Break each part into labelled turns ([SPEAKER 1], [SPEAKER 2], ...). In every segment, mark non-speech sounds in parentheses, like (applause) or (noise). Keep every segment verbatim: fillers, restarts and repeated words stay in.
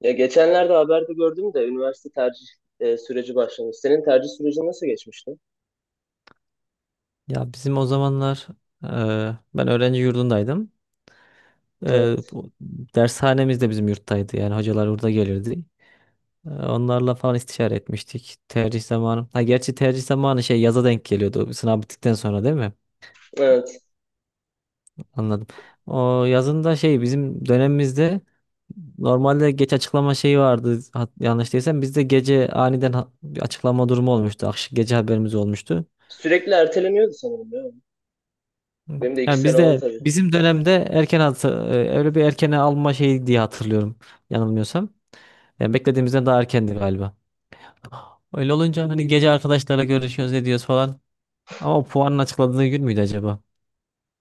[SPEAKER 1] Ya geçenlerde haberde gördüm de üniversite tercih e, süreci başlamış. Senin tercih sürecin nasıl geçmişti?
[SPEAKER 2] Ya bizim o zamanlar eee, ben öğrenci yurdundaydım. Eee,
[SPEAKER 1] Evet,
[SPEAKER 2] bu dershanemiz de bizim yurttaydı. Yani hocalar burada gelirdi. Eee, onlarla falan istişare etmiştik. Tercih zamanı. Ha gerçi tercih zamanı şey yaza denk geliyordu. Sınav bittikten sonra değil mi?
[SPEAKER 1] evet.
[SPEAKER 2] Anladım. O yazında şey bizim dönemimizde normalde geç açıklama şeyi vardı. Hat- Yanlış değilsem bizde gece aniden ha- bir açıklama durumu olmuştu. Akşam gece haberimiz olmuştu.
[SPEAKER 1] Sürekli erteleniyordu sanırım ya. Benim de iki
[SPEAKER 2] Yani
[SPEAKER 1] sene oldu
[SPEAKER 2] bizde
[SPEAKER 1] tabii.
[SPEAKER 2] bizim dönemde erken atı, e, öyle bir erkene alma şeyi diye hatırlıyorum yanılmıyorsam. Yani beklediğimizden daha erkendi galiba. Öyle olunca hani gece arkadaşlarla görüşüyoruz ediyoruz falan. Ama puanın açıkladığı gün müydü acaba?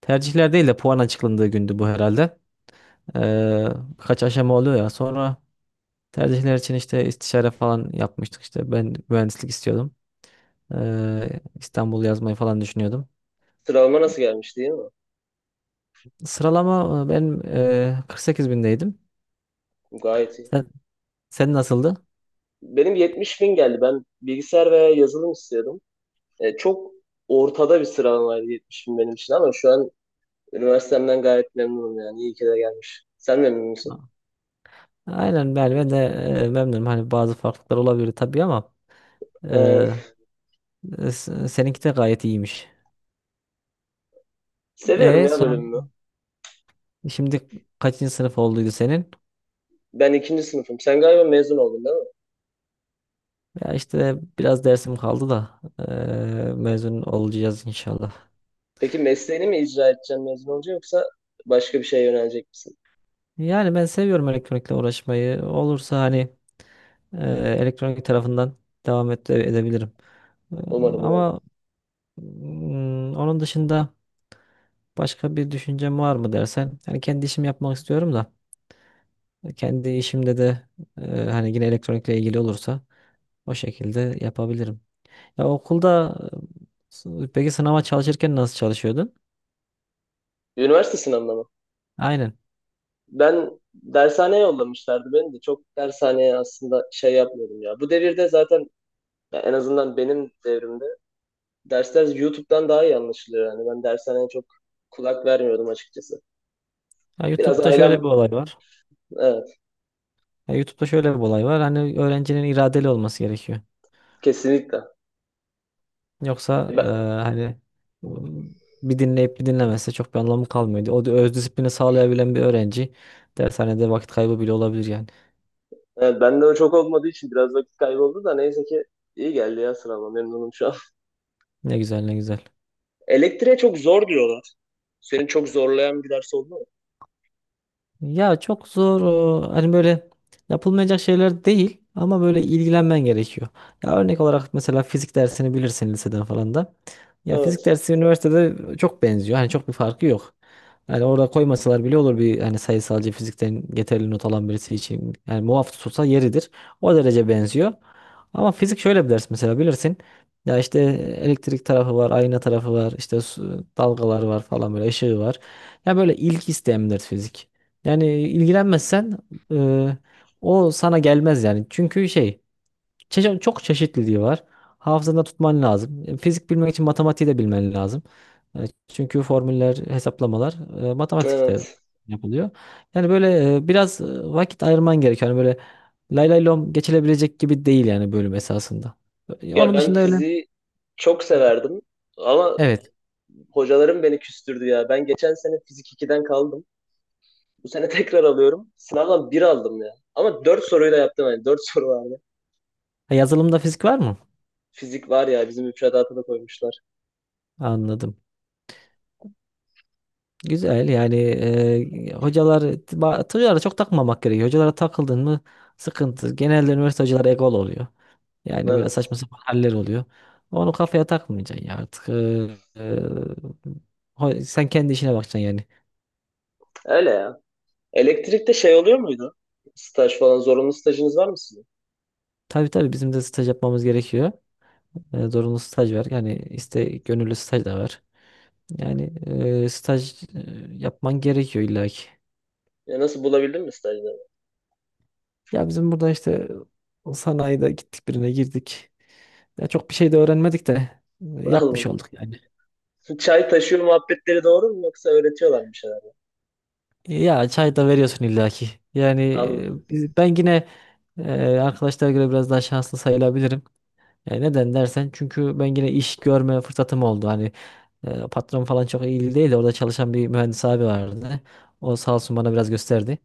[SPEAKER 2] Tercihler değil de puan açıklandığı gündü bu herhalde. Ee, Birkaç aşama oluyor ya. Sonra tercihler için işte istişare falan yapmıştık işte. Ben mühendislik istiyordum. Ee, İstanbul yazmayı falan düşünüyordum.
[SPEAKER 1] Sıralama nasıl gelmiş değil mi?
[SPEAKER 2] Sıralama e, benim e, kırk sekiz bindeydim.
[SPEAKER 1] Gayet iyi.
[SPEAKER 2] Sen, sen nasıldı?
[SPEAKER 1] Benim yetmiş bin geldi. Ben bilgisayar veya yazılım istiyordum. E, çok ortada bir sıralamaydı yetmiş bin benim için ama şu an üniversitemden gayet memnunum yani. İyi ki de gelmiş. Sen memnun musun?
[SPEAKER 2] Aynen ben, ben de e, memnunum. Hani bazı farklılıklar olabilir tabii ama
[SPEAKER 1] E,
[SPEAKER 2] e, e, s- seninki de gayet iyiymiş.
[SPEAKER 1] Seviyorum
[SPEAKER 2] E
[SPEAKER 1] ya
[SPEAKER 2] son
[SPEAKER 1] bölümümü.
[SPEAKER 2] şimdi kaçıncı sınıf olduydu senin?
[SPEAKER 1] Ben ikinci sınıfım. Sen galiba mezun oldun değil
[SPEAKER 2] Ya işte biraz dersim kaldı da e,
[SPEAKER 1] mi?
[SPEAKER 2] mezun olacağız inşallah.
[SPEAKER 1] Peki mesleğini mi icra edeceksin mezun olunca yoksa başka bir şeye yönelecek misin?
[SPEAKER 2] Yani ben seviyorum elektronikle uğraşmayı. Olursa hani e, elektronik tarafından devam et, edebilirim. E,
[SPEAKER 1] Umarım umarım.
[SPEAKER 2] ama mm, onun dışında başka bir düşüncem var mı dersen? Yani kendi işimi yapmak istiyorum da. Kendi işimde de e, hani yine elektronikle ilgili olursa o şekilde yapabilirim. Ya okulda e, s- peki sınava çalışırken nasıl çalışıyordun?
[SPEAKER 1] Üniversite sınavına mı?
[SPEAKER 2] Aynen.
[SPEAKER 1] Ben dershaneye yollamışlardı beni de. Çok dershaneye aslında şey yapmıyordum ya. Bu devirde zaten ya en azından benim devrimde dersler YouTube'dan daha iyi anlaşılıyor. Yani ben dershaneye çok kulak vermiyordum açıkçası.
[SPEAKER 2] Ya
[SPEAKER 1] Biraz
[SPEAKER 2] YouTube'da şöyle
[SPEAKER 1] ailem,
[SPEAKER 2] bir olay var.
[SPEAKER 1] evet,
[SPEAKER 2] Ya YouTube'da şöyle bir olay var. Hani öğrencinin iradeli olması gerekiyor.
[SPEAKER 1] kesinlikle.
[SPEAKER 2] Yoksa e,
[SPEAKER 1] Ben,
[SPEAKER 2] hani bir dinleyip bir dinlemezse çok bir anlamı kalmıyor. O da öz disiplini sağlayabilen bir öğrenci dershanede vakit kaybı bile olabilir yani.
[SPEAKER 1] evet, bende o çok olmadığı için biraz vakit kayboldu da neyse ki iyi geldi ya sınavım memnunum şu an.
[SPEAKER 2] Ne güzel ne güzel.
[SPEAKER 1] Elektriğe çok zor diyorlar. Seni çok zorlayan bir ders oldu mu?
[SPEAKER 2] Ya çok zor o, hani böyle yapılmayacak şeyler değil ama böyle ilgilenmen gerekiyor. Ya örnek olarak mesela fizik dersini bilirsin liseden falan da. Ya
[SPEAKER 1] Evet,
[SPEAKER 2] fizik dersi üniversitede çok benziyor. Hani çok bir farkı yok. Yani orada koymasalar bile olur bir hani sayısalcı fizikten yeterli not alan birisi için. Yani muaf tutulsa yeridir. O derece benziyor. Ama fizik şöyle bir ders mesela bilirsin. Ya işte elektrik tarafı var, ayna tarafı var, işte su- dalgalar var falan böyle ışığı var. Ya böyle ilgi isteyen bir ders fizik. Yani ilgilenmezsen e, o sana gelmez yani. Çünkü şey çeşe- çok çeşitliliği var. Hafızanda tutman lazım. E, Fizik bilmek için matematiği de bilmen lazım. E, Çünkü formüller, hesaplamalar e, matematikte
[SPEAKER 1] evet.
[SPEAKER 2] yapılıyor. Yani böyle e, biraz e, vakit ayırman gerekiyor. Yani böyle lay lay lom geçilebilecek gibi değil yani bölüm esasında. E,
[SPEAKER 1] Ya
[SPEAKER 2] Onun
[SPEAKER 1] ben
[SPEAKER 2] dışında öyle.
[SPEAKER 1] fiziği çok severdim ama
[SPEAKER 2] Evet.
[SPEAKER 1] hocalarım beni küstürdü ya. Ben geçen sene fizik ikiden kaldım. Bu sene (laughs) tekrar alıyorum. Sınavdan bir aldım ya. Ama dört soruyla yaptım yani. Dört soru vardı.
[SPEAKER 2] Ha, yazılımda fizik var mı?
[SPEAKER 1] Fizik var ya bizim müfredata da koymuşlar.
[SPEAKER 2] Anladım. Güzel yani e, hocalar ba- hocalara çok takmamak gerekiyor. Hocalara takıldın mı sıkıntı. Genelde üniversite hocaları egol oluyor. Yani böyle
[SPEAKER 1] Evet.
[SPEAKER 2] saçma sapan haller oluyor. Onu kafaya takmayacaksın ya artık. E, e, ho- sen kendi işine bakacaksın yani.
[SPEAKER 1] Öyle ya. Elektrikte şey oluyor muydu? Staj falan zorunlu stajınız var mı sizin?
[SPEAKER 2] Tabii tabii bizim de staj yapmamız gerekiyor. E, zorunlu staj var. Yani iste gönüllü staj da var. Yani e, staj e, yapman gerekiyor illaki.
[SPEAKER 1] Ya nasıl bulabildin mi stajları?
[SPEAKER 2] Ya bizim burada işte sanayide gittik birine girdik. Ya çok bir şey de öğrenmedik de e,
[SPEAKER 1] (laughs)
[SPEAKER 2] yapmış
[SPEAKER 1] Anladım.
[SPEAKER 2] olduk yani.
[SPEAKER 1] Çay taşıyor muhabbetleri doğru mu yoksa öğretiyorlar mı bir şeyler?
[SPEAKER 2] Ya çay da veriyorsun illaki. Yani
[SPEAKER 1] Anladım.
[SPEAKER 2] e, biz- ben yine e, arkadaşlara göre biraz daha şanslı sayılabilirim. E, neden dersen çünkü ben yine iş görme fırsatım oldu. Hani e, patron falan çok iyi değil de orada çalışan bir mühendis abi vardı. O sağ olsun bana biraz gösterdi.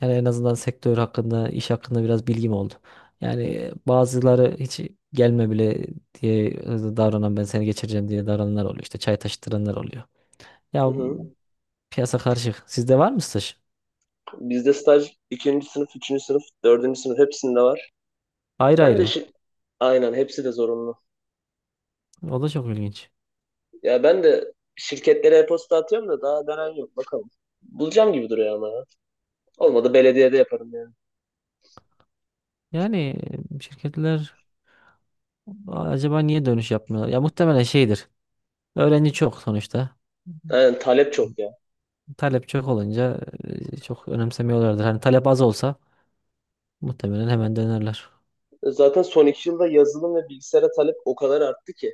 [SPEAKER 2] Yani en azından sektör hakkında, iş hakkında biraz bilgim oldu. Yani e, bazıları hiç gelme bile diye e, davranan ben seni geçireceğim diye davrananlar oluyor. İşte çay taşıtıranlar oluyor.
[SPEAKER 1] Hı
[SPEAKER 2] Ya
[SPEAKER 1] hı.
[SPEAKER 2] piyasa karışık. Sizde var mı staj?
[SPEAKER 1] Bizde staj ikinci sınıf, üçüncü sınıf, dördüncü sınıf hepsinde var.
[SPEAKER 2] Ayrı
[SPEAKER 1] Ben de
[SPEAKER 2] ayrı.
[SPEAKER 1] şi- aynen hepsi de zorunlu.
[SPEAKER 2] O da çok ilginç.
[SPEAKER 1] Ya ben de şirketlere e-posta atıyorum da daha dönen yok bakalım. Bulacağım gibi duruyor ama ya. Olmadı belediyede yaparım yani.
[SPEAKER 2] Yani e, şirketler acaba niye dönüş yapmıyorlar? Ya muhtemelen şeydir. Öğrenci çok sonuçta.
[SPEAKER 1] Aynen, talep çok ya.
[SPEAKER 2] Talep çok olunca e, çok önemsemiyorlardır. Hani talep az olsa muhtemelen hemen dönerler.
[SPEAKER 1] Zaten son iki yılda yazılım ve bilgisayara talep o kadar arttı ki.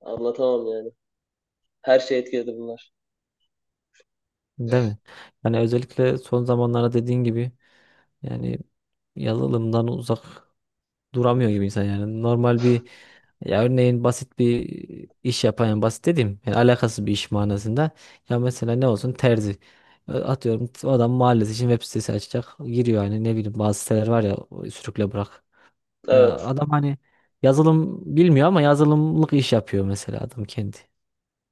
[SPEAKER 1] Anlatamam yani. Her şey etkiledi bunlar.
[SPEAKER 2] Değil mi? Yani özellikle son zamanlarda dediğin gibi yani yazılımdan uzak duramıyor gibi insan yani. Normal bir ya örneğin basit bir iş yapan yani basit dediğim yani alakasız bir iş manasında. Ya mesela ne olsun terzi. E, Atıyorum adam mahallesi için web sitesi açacak. Giriyor hani ne bileyim bazı siteler var ya o sürükle bırak. Ya
[SPEAKER 1] Evet.
[SPEAKER 2] adam hani yazılım bilmiyor ama yazılımlık iş yapıyor mesela adam kendi.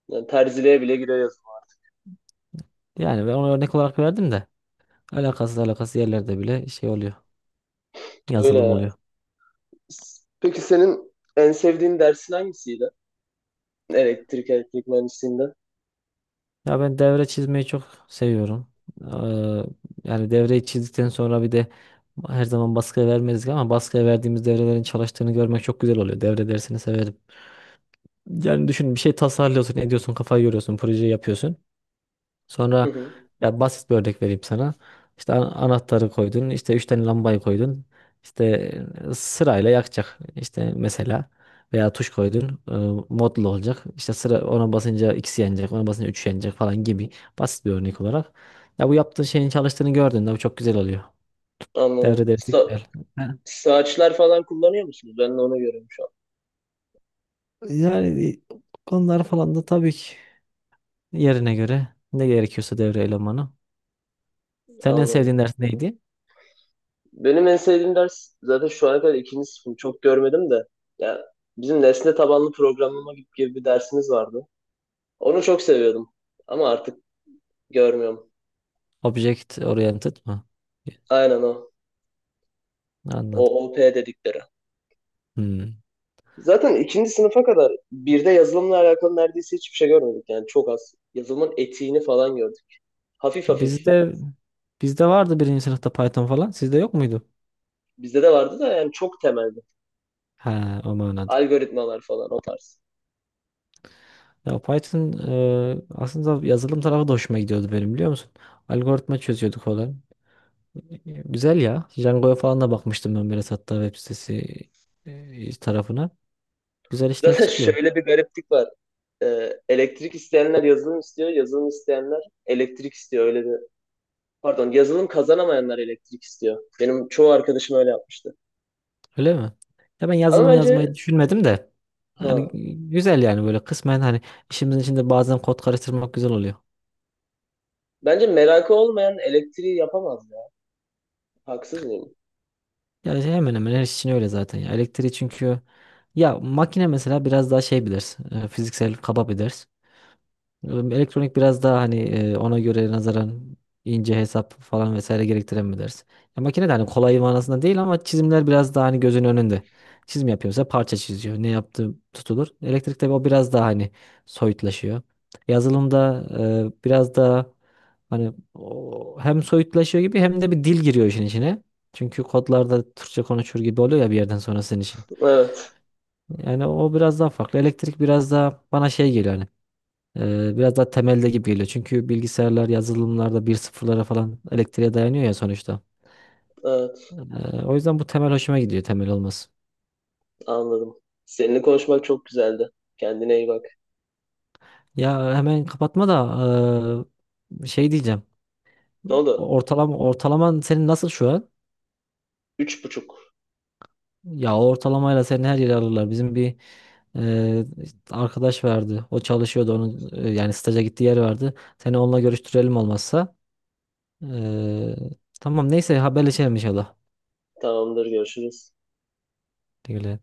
[SPEAKER 1] Yani terziliğe bile giriyor yazılım.
[SPEAKER 2] Yani ben ona örnek olarak verdim de alakasız alakasız yerlerde bile şey oluyor.
[SPEAKER 1] Öyle
[SPEAKER 2] Yazılım
[SPEAKER 1] ya.
[SPEAKER 2] oluyor.
[SPEAKER 1] S- Peki senin en sevdiğin dersin hangisiydi? Elektrik, elektrik mühendisliğinde.
[SPEAKER 2] Ya ben devre çizmeyi çok seviyorum. Eee, Yani devreyi çizdikten sonra bir de her zaman baskıya vermedik ama baskıya verdiğimiz devrelerin çalıştığını görmek çok güzel oluyor. Devre dersini severim. Yani düşün bir şey tasarlıyorsun, ediyorsun, kafayı yoruyorsun, projeyi yapıyorsun.
[SPEAKER 1] Hı
[SPEAKER 2] Sonra
[SPEAKER 1] hı.
[SPEAKER 2] ya basit bir örnek vereyim sana. İşte an- anahtarı koydun, işte üç tane lambayı koydun. İşte e, sırayla yakacak. İşte mesela veya tuş koydun, e, modlu olacak. İşte sıra ona basınca ikisi yanacak, ona basınca üç yanacak falan gibi basit bir örnek olarak. Ya bu yaptığın şeyin çalıştığını gördün de bu çok güzel oluyor. Devre
[SPEAKER 1] Anladım.
[SPEAKER 2] dersi
[SPEAKER 1] Sa
[SPEAKER 2] güzel. Ha.
[SPEAKER 1] saçlar falan kullanıyor musunuz? Ben de onu görüyorum şu an.
[SPEAKER 2] Yani e, konular falan da tabii ki yerine göre ne gerekiyorsa devre elemanı. Senin en
[SPEAKER 1] Anladım.
[SPEAKER 2] sevdiğin ders neydi?
[SPEAKER 1] Benim en sevdiğim ders zaten şu ana kadar ikinci sınıfım. Çok görmedim de. Ya bizim nesne tabanlı programlama gibi gibi bir dersimiz vardı. Onu çok seviyordum. Ama artık görmüyorum.
[SPEAKER 2] Object oriented mı?
[SPEAKER 1] Aynen o.
[SPEAKER 2] Anladım.
[SPEAKER 1] O OP dedikleri.
[SPEAKER 2] Hmm.
[SPEAKER 1] Zaten ikinci sınıfa kadar birde yazılımla alakalı neredeyse hiçbir şey görmedik. Yani çok az. Yazılımın etiğini falan gördük. Hafif
[SPEAKER 2] Ya
[SPEAKER 1] hafif.
[SPEAKER 2] Bizde bizde vardı birinci sınıfta Python falan. Sizde yok muydu?
[SPEAKER 1] Bizde de vardı da yani çok temelde.
[SPEAKER 2] Ha, o manada.
[SPEAKER 1] Algoritmalar falan o tarz.
[SPEAKER 2] Ya Python e, aslında yazılım tarafı da hoşuma gidiyordu benim biliyor musun? Algoritma çözüyorduk falan. E, Güzel ya. Django'ya falan da bakmıştım ben biraz hatta web sitesi e, tarafına.
[SPEAKER 1] (laughs)
[SPEAKER 2] Güzel işler
[SPEAKER 1] Zaten
[SPEAKER 2] çıkıyor.
[SPEAKER 1] şöyle bir gariplik var. Ee, elektrik isteyenler yazılım istiyor. Yazılım isteyenler elektrik istiyor. Öyle bir... Pardon, yazılım kazanamayanlar elektrik istiyor. Benim çoğu arkadaşım öyle yapmıştı.
[SPEAKER 2] Öyle mi? Ya ben
[SPEAKER 1] Ama
[SPEAKER 2] yazılım yazmayı
[SPEAKER 1] bence...
[SPEAKER 2] düşünmedim de.
[SPEAKER 1] Ha,
[SPEAKER 2] Yani güzel yani böyle kısmen hani işimizin içinde bazen kod karıştırmak güzel oluyor.
[SPEAKER 1] bence merakı olmayan elektriği yapamaz ya. Haksız mıyım?
[SPEAKER 2] Ya hemen hemen her iş için öyle zaten ya. Elektriği çünkü ya makine mesela biraz daha şey bilir. e, Fiziksel kaba bilir. Elektronik biraz daha hani e, ona göre nazaran ince hesap falan vesaire gerektiren mi dersin? Ya makine de hani kolay manasında değil ama çizimler biraz daha hani gözün önünde. Çizim yapıyorsa parça çiziyor. Ne yaptığı tutulur. Elektrikte o biraz daha hani soyutlaşıyor. Yazılımda e, biraz daha hani o hem soyutlaşıyor gibi hem de bir dil giriyor işin içine. Çünkü kodlarda Türkçe konuşur gibi oluyor ya bir yerden sonra senin için.
[SPEAKER 1] Evet,
[SPEAKER 2] Yani o biraz daha farklı. Elektrik biraz daha bana şey geliyor. Hani ee, biraz daha temelde gibi geliyor. Çünkü bilgisayarlar yazılımlarda bir sıfırlara falan elektriğe dayanıyor ya sonuçta.
[SPEAKER 1] evet.
[SPEAKER 2] Ee, O yüzden bu temel hoşuma gidiyor temel olması.
[SPEAKER 1] Anladım. Seninle konuşmak çok güzeldi. Kendine iyi bak.
[SPEAKER 2] Ya hemen kapatma da ee, şey diyeceğim.
[SPEAKER 1] Ne oldu?
[SPEAKER 2] Ortalama ortalaman senin nasıl şu an?
[SPEAKER 1] Üç buçuk.
[SPEAKER 2] Ya o ortalamayla seni her yere alırlar. Bizim bir ee, arkadaş vardı. O çalışıyordu onun ee, yani staja gittiği yer vardı. Seni onunla görüştürelim olmazsa. Ee, tamam neyse haberleşelim inşallah.
[SPEAKER 1] Tamamdır, görüşürüz.
[SPEAKER 2] Güle güle.